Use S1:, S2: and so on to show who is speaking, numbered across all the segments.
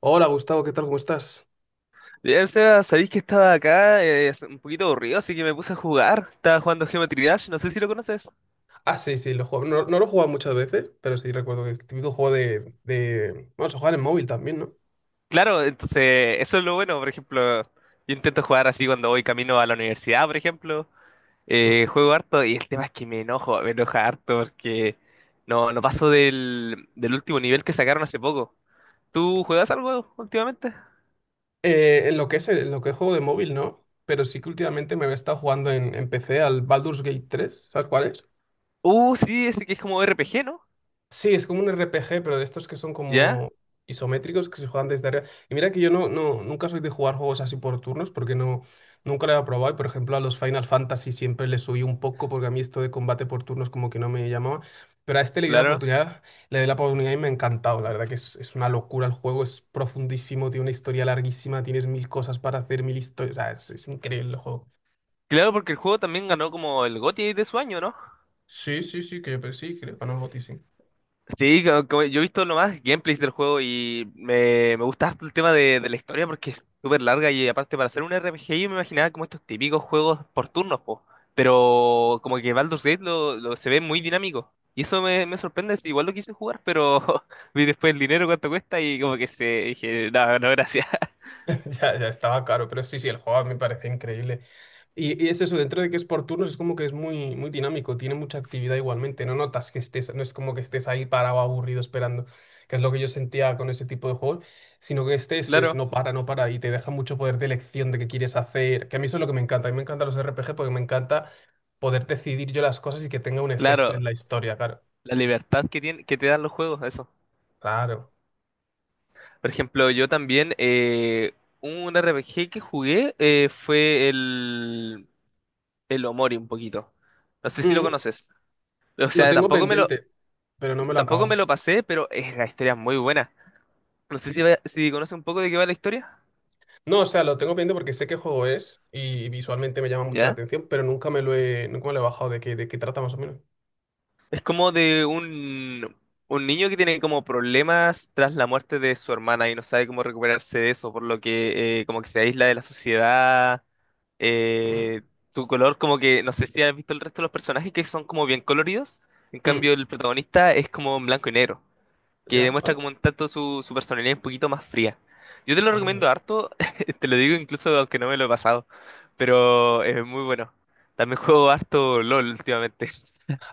S1: Hola Gustavo, ¿qué tal? ¿Cómo estás?
S2: Ya, o sea, sabéis que estaba acá un poquito aburrido, así que me puse a jugar. Estaba jugando Geometry Dash, no sé si lo conoces.
S1: Ah, sí, sí, lo juego. No, no lo he jugado muchas veces, pero sí recuerdo que es el típico juego Bueno, se juega en móvil también, ¿no?
S2: Claro, entonces eso es lo bueno, por ejemplo, yo intento jugar así cuando voy camino a la universidad, por ejemplo.
S1: Mm.
S2: Juego harto y el tema es que me enoja harto porque no paso del último nivel que sacaron hace poco. ¿Tú juegas algo últimamente?
S1: En lo que es en lo que es juego de móvil, ¿no? Pero sí que últimamente me había estado jugando en PC al Baldur's Gate tres, ¿sabes cuál es?
S2: Sí, ese que es como RPG, ¿no?
S1: Sí, es como un RPG, pero de estos que son
S2: Ya,
S1: como isométricos que se juegan desde arriba. Y mira que yo nunca soy de jugar juegos así por turnos porque no, nunca lo he probado. Y por ejemplo, a los Final Fantasy siempre le subí un poco porque a mí esto de combate por turnos como que no me llamaba. Pero a este le di la
S2: claro.
S1: oportunidad y me ha encantado. La verdad que es una locura el juego, es profundísimo, tiene una historia larguísima, tienes mil cosas para hacer, mil historias. O sea, es increíble el juego.
S2: Claro, porque el juego también ganó como el GOTY de su año, ¿no?
S1: Sí, sí, sí, que yo pero sí, que le ganó el GOTY, sí.
S2: Sí, como yo he visto nomás gameplays del juego y me gusta harto el tema de la historia porque es súper larga y aparte para hacer un RPG yo me imaginaba como estos típicos juegos por turnos, po. Pero como que Baldur's Gate se ve muy dinámico y eso me sorprende, sí, igual lo quise jugar, pero vi después el dinero cuánto cuesta y como que se dije, no, no, gracias.
S1: Ya, ya estaba caro, pero sí, sí, el juego a mí me parece increíble. Y es eso, dentro de que es por turnos, es como que es muy, muy dinámico, tiene mucha actividad igualmente, no notas que estés, no es como que estés ahí parado, aburrido, esperando, que es lo que yo sentía con ese tipo de juegos, sino que estés, es,
S2: Claro,
S1: no para, y te deja mucho poder de elección de qué quieres hacer, que a mí eso es lo que me encanta, a mí me encantan los RPG porque me encanta poder decidir yo las cosas y que tenga un efecto
S2: claro,
S1: en la historia, claro.
S2: la libertad que tiene, que te dan los juegos, eso.
S1: Claro.
S2: Por ejemplo, yo también un RPG que jugué fue el Omori un poquito. No sé si lo
S1: Mm,
S2: conoces. O
S1: lo
S2: sea,
S1: tengo pendiente, pero no me lo he
S2: tampoco me
S1: acabado.
S2: lo pasé, pero es, la historia es muy buena. No sé si, si conoces un poco de qué va la historia.
S1: No, o sea, lo tengo pendiente porque sé qué juego es y visualmente me llama mucho la
S2: ¿Ya?
S1: atención, pero nunca me lo he bajado de qué trata más o menos.
S2: Es como de un niño que tiene como problemas tras la muerte de su hermana y no sabe cómo recuperarse de eso, por lo que como que se aísla de la sociedad.
S1: Mm,
S2: Eh, Su color como que, no sé si has visto el resto de los personajes que son como bien coloridos. En
S1: mm,
S2: cambio, el protagonista es como en blanco y negro. Que
S1: ya,
S2: demuestra
S1: ah,
S2: como un tanto su personalidad un poquito más fría. Yo te lo
S1: anda.
S2: recomiendo harto, te lo digo incluso aunque no me lo he pasado, pero es muy bueno. También juego harto LOL últimamente,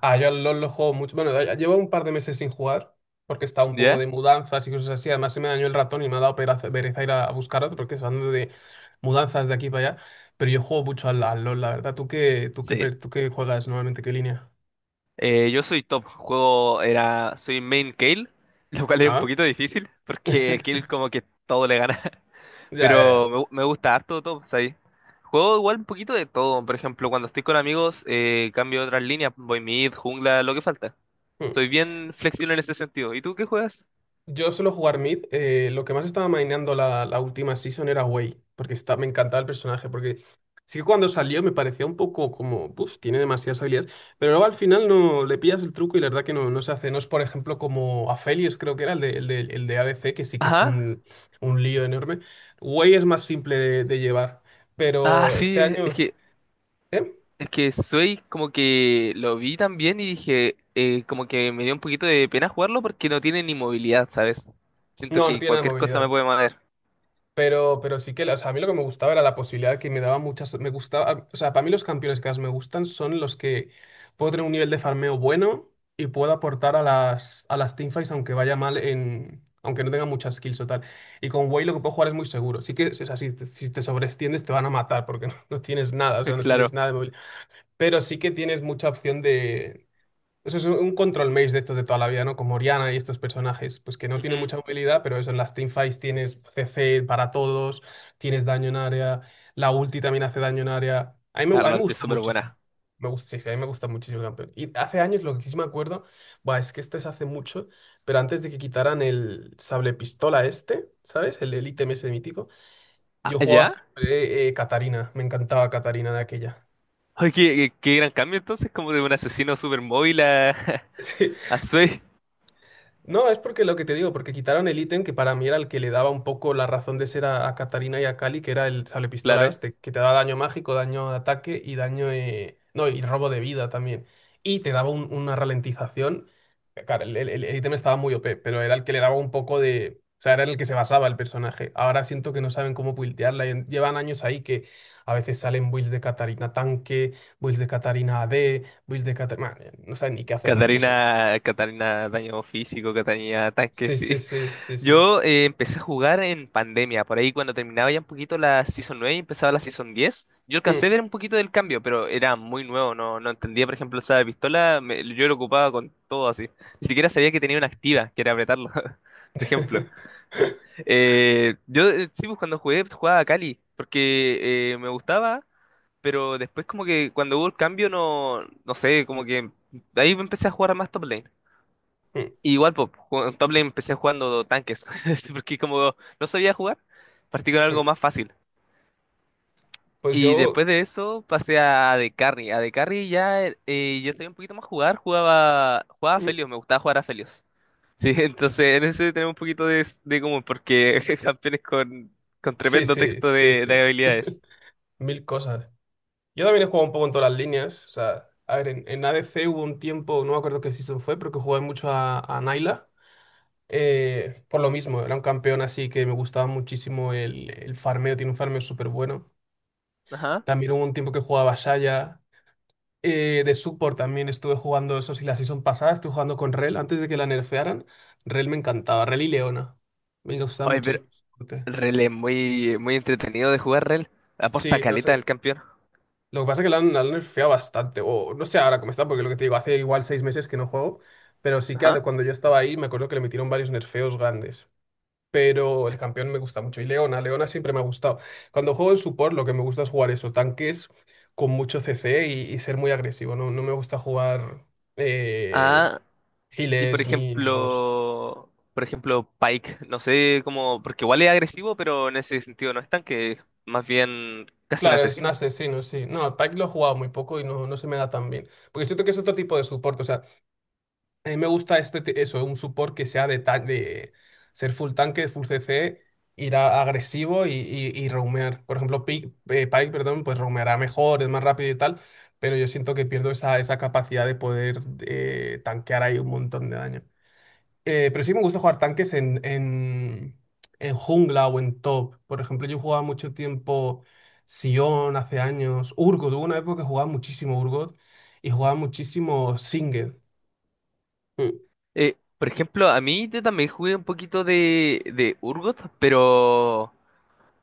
S1: Ah, yo al LoL lo juego mucho. Bueno, ya llevo un par de meses sin jugar porque estaba un poco
S2: ¿ya?
S1: de mudanzas y cosas así. Además, se me dañó el ratón y me ha dado pereza ir a buscar otro porque ando de mudanzas de aquí para allá. Pero yo juego mucho al LoL, la verdad.
S2: Sí.
S1: ¿Tú qué juegas normalmente? ¿Qué línea?
S2: Yo soy top, soy main Kayle, lo cual es un
S1: Ah,
S2: poquito difícil, porque Kayle como que todo le gana,
S1: Ya, ya, ya.
S2: pero me gusta harto top, ¿sabes? Juego igual un poquito de todo, por ejemplo, cuando estoy con amigos, cambio otras líneas, voy mid, jungla, lo que falta.
S1: Mm.
S2: Soy bien flexible en ese sentido. ¿Y tú qué juegas?
S1: Yo suelo jugar mid. Lo que más estaba maineando la última season era Wei, porque me encantaba el personaje, porque sí que cuando salió me parecía un poco como, uff, tiene demasiadas habilidades, pero luego al final no le pillas el truco y la verdad que no se hace. No es, por ejemplo, como Aphelios, creo que era el de ADC, que sí que es
S2: Ajá.
S1: un lío enorme. Wei es más simple de llevar,
S2: Ah,
S1: pero este
S2: sí,
S1: año... ¿eh?
S2: es que soy como que lo vi también y dije, como que me dio un poquito de pena jugarlo porque no tiene ni movilidad, ¿sabes? Siento
S1: No, no
S2: que
S1: tiene nada de
S2: cualquier cosa me
S1: movilidad.
S2: puede mover.
S1: Pero sí que, o sea, a mí lo que me gustaba era la posibilidad que me daba muchas, me gustaba, o sea, para mí los campeones que más me gustan son los que puedo tener un nivel de farmeo bueno y puedo aportar a a las teamfights aunque vaya mal en, aunque no tenga muchas kills o tal. Y con Wei lo que puedo jugar es muy seguro. Sí que, o sea, si te sobreextiendes te van a matar porque no, no tienes nada, o sea, no tienes
S2: Claro.
S1: nada de móvil. Pero sí que tienes mucha opción de eso es un control maze de estos de toda la vida, ¿no? Como Oriana y estos personajes, pues que no tienen
S2: Ujú.
S1: mucha movilidad, pero eso en las teamfights tienes CC para todos, tienes daño en área, la ulti también hace daño en área.
S2: Ah,
S1: A mí me
S2: LOL es
S1: gusta
S2: súper
S1: muchísimo.
S2: buena.
S1: Me gusta, sí, sí, a mí me gusta muchísimo el campeón. Y hace años, lo que sí me acuerdo, buah, es que este es hace mucho, pero antes de que quitaran el sable pistola este, ¿sabes? El ítem ese mítico,
S2: Ah,
S1: yo jugaba
S2: ¿ya?
S1: siempre Katarina, me encantaba Katarina de aquella.
S2: Ay, qué gran cambio entonces, como de un asesino súper móvil a,
S1: Sí.
S2: a Swain.
S1: No, es porque lo que te digo, porque quitaron el ítem que para mí era el que le daba un poco la razón de ser a Katarina y a Kali, que era el pistola
S2: Claro.
S1: este, que te daba daño mágico, daño de ataque y daño. No, y robo de vida también. Y te daba una ralentización. Claro, el ítem estaba muy OP, pero era el que le daba un poco de. O sea, era en el que se basaba el personaje. Ahora siento que no saben cómo buildearla. Llevan años ahí que a veces salen builds de Katarina tanque, builds de Catarina AD, builds de Catarina... No saben ni qué hacer con el personaje.
S2: Catarina, Catarina daño físico, Catarina tanque,
S1: Sí,
S2: sí.
S1: sí, sí, sí, sí.
S2: Yo empecé a jugar en pandemia, por ahí cuando terminaba ya un poquito la Season 9 y empezaba la Season 10. Yo alcancé a
S1: Mm,
S2: ver un poquito del cambio, pero era muy nuevo, no entendía, por ejemplo, esa pistola, yo lo ocupaba con todo así. Ni siquiera sabía que tenía una activa, que era apretarlo, por ejemplo. Yo Sí, pues cuando jugué, jugaba a Cali, porque me gustaba, pero después como que cuando hubo el cambio, no sé, como que ahí empecé a jugar a más top lane.
S1: mm,
S2: Y igual, pues, en top lane empecé jugando tanques, porque como no sabía jugar, partí con algo
S1: mm.
S2: más fácil.
S1: Pues
S2: Y
S1: yo,
S2: después de eso pasé a de Carry. A de Carry ya yo sabía un poquito más jugar, jugaba a
S1: mm,
S2: Felios, me gustaba jugar a Felios. Sí, entonces en ese tenemos un poquito de común, porque campeones con
S1: sí,
S2: tremendo
S1: sí,
S2: texto
S1: sí,
S2: de
S1: sí,
S2: habilidades.
S1: mil cosas. Yo también he jugado un poco en todas las líneas, o sea, a ver, en ADC hubo un tiempo, no me acuerdo qué season fue, pero que jugué mucho a Naila, por lo mismo, era un campeón así que me gustaba muchísimo el farmeo, tiene un farmeo súper bueno.
S2: Ajá.
S1: También hubo un tiempo que jugaba a Shaya, de support también estuve jugando eso, sí, la season pasada estuve jugando con Rel antes de que la nerfearan. Rel me encantaba, Rel y Leona. Me gustaba
S2: Oye, pero
S1: muchísimo. El soporte.
S2: Rel es muy entretenido de jugar, Rel. Aporta
S1: Sí, lo
S2: caleta
S1: sé.
S2: al campeón.
S1: Lo que pasa es que la han nerfeado bastante, o no sé ahora cómo está, porque lo que te digo, hace igual 6 meses que no juego, pero sí que
S2: Ajá.
S1: de cuando yo estaba ahí me acuerdo que le metieron varios nerfeos grandes. Pero el campeón me gusta mucho. Y Leona, Leona siempre me ha gustado. Cuando juego en support, lo que me gusta es jugar eso, tanques con mucho CC y ser muy agresivo. No, no me gusta jugar. eh,
S2: Ah, y
S1: Healers ni magos.
S2: por ejemplo, Pike, no sé cómo, porque igual es agresivo, pero en ese sentido no es tan que es más bien casi un
S1: Claro, es un
S2: asesino.
S1: asesino, sí. No, Pike lo he jugado muy poco y no, no se me da tan bien. Porque siento que es otro tipo de soporte. O sea, a mí me gusta eso, un support que sea de ser full tanque, full CC, ir agresivo y roamear. Por ejemplo, Pike, perdón, pues roameará mejor, es más rápido y tal. Pero yo siento que pierdo esa capacidad de poder tanquear ahí un montón de daño. Pero sí me gusta jugar tanques en jungla o en top. Por ejemplo, yo jugaba mucho tiempo Sion hace años, Urgot. Hubo una época que jugaba muchísimo Urgot y jugaba muchísimo Singed. Mm,
S2: Por ejemplo, a mí yo también jugué un poquito de Urgot, pero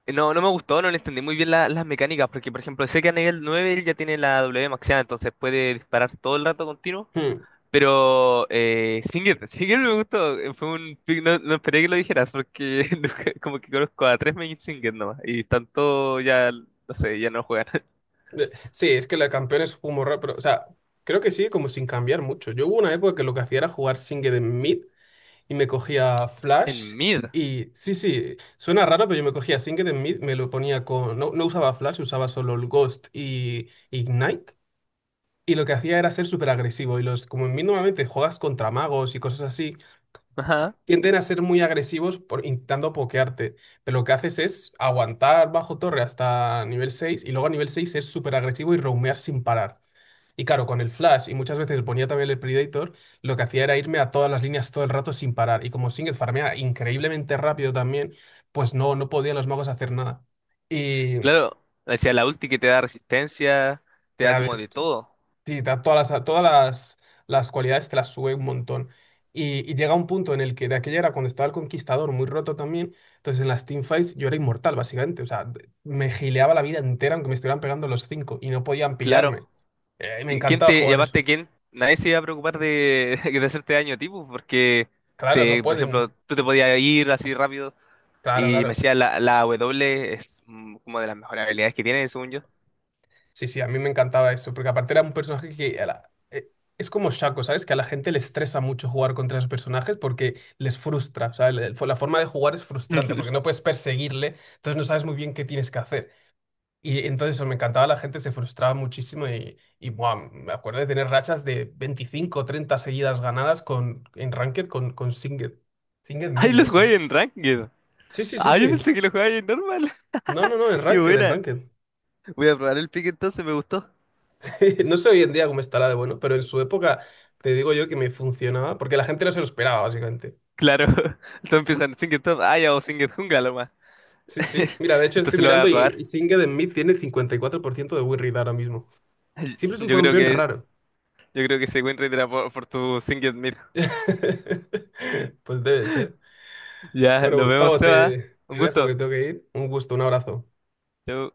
S2: no me gustó, no le entendí muy bien la- las mecánicas, porque por ejemplo, sé que a nivel 9 él ya tiene la W maxeada, entonces puede disparar todo el rato continuo.
S1: mm.
S2: Pero Singed, Singed me gustó, fue un pick, no esperé que lo dijeras porque nunca- como que conozco a tres main Singed nomás y tanto ya, no sé, ya no juegan.
S1: Sí, es que la campeona es un raro, pero, o sea, creo que sigue como sin cambiar mucho. Yo hubo una época que lo que hacía era jugar Singed en mid y me cogía
S2: En
S1: Flash.
S2: mid,
S1: Y sí, sí, suena raro, pero yo me cogía Singed en mid, me lo ponía con. No, no usaba Flash, usaba solo el Ghost y Ignite. Y lo que hacía era ser súper agresivo. Y los, como en mí normalmente juegas contra magos y cosas así,
S2: ajá,
S1: tienden a ser muy agresivos por, intentando pokearte. Pero lo que haces es aguantar bajo torre hasta nivel 6 y luego a nivel 6 ser súper agresivo y roamear sin parar. Y claro, con el flash y muchas veces ponía también el Predator, lo que hacía era irme a todas las líneas todo el rato sin parar. Y como Singed farmea increíblemente rápido también, pues no, no podían los magos hacer nada. Y,
S2: claro, decía la ulti que te da resistencia, te da como
S1: ¿sabes?
S2: de todo,
S1: Sí, da todas las cualidades te las sube un montón. Y llega un punto en el que de aquella era cuando estaba el conquistador muy roto también, entonces en las teamfights yo era inmortal básicamente, o sea, me gileaba la vida entera aunque me estuvieran pegando los cinco y no podían
S2: claro.
S1: pillarme. Y me
S2: ¿Quién
S1: encantaba
S2: te, y
S1: jugar eso.
S2: aparte quién, nadie se iba a preocupar de, de hacerte daño tipo porque
S1: Claro, no
S2: te, por ejemplo,
S1: pueden,
S2: tú te podías ir así rápido
S1: claro,
S2: y me
S1: claro.
S2: decía la W es mm, como de las mejores habilidades que tiene, según yo.
S1: Sí, sí, a mí me encantaba eso, porque aparte era un personaje que a la- es como Shaco, ¿sabes? Que a la gente le estresa mucho jugar contra esos personajes porque les frustra, o sea, la forma de jugar es frustrante porque no puedes perseguirle, entonces no sabes muy bien qué tienes que hacer. Y entonces eso me encantaba, la gente se frustraba muchísimo y buah, me acuerdo de tener rachas de 25, o 30 seguidas ganadas con, en Ranked con Singed, Singed
S2: Ay,
S1: Mid,
S2: lo
S1: eso.
S2: jugáis en Ranked.
S1: Sí, sí, sí,
S2: Ah, yo
S1: sí.
S2: pensé que lo jugáis en normal.
S1: No, no, no, en
S2: Y
S1: Ranked, en
S2: buena,
S1: Ranked.
S2: voy a probar el pick entonces, me gustó.
S1: No sé hoy en día cómo estará de bueno, pero en su época te digo yo que me funcionaba, porque la gente no se lo esperaba, básicamente.
S2: Claro, todos empiezan Singed Top. Ah, ya o Singed Jungla lo más.
S1: Sí, sí. Mira, de hecho estoy
S2: Entonces lo voy a
S1: mirando
S2: probar.
S1: y Singed en mí tiene 54% de win rate ahora mismo. Siempre es un
S2: Yo creo
S1: campeón
S2: que,
S1: raro.
S2: yo creo que ese win rate era por tu Singed Mid.
S1: Pues debe ser.
S2: Ya,
S1: Bueno,
S2: lo vemos,
S1: Gustavo,
S2: Seba.
S1: te
S2: Un
S1: dejo que
S2: gusto.
S1: tengo que ir. Un gusto, un abrazo.
S2: Chau.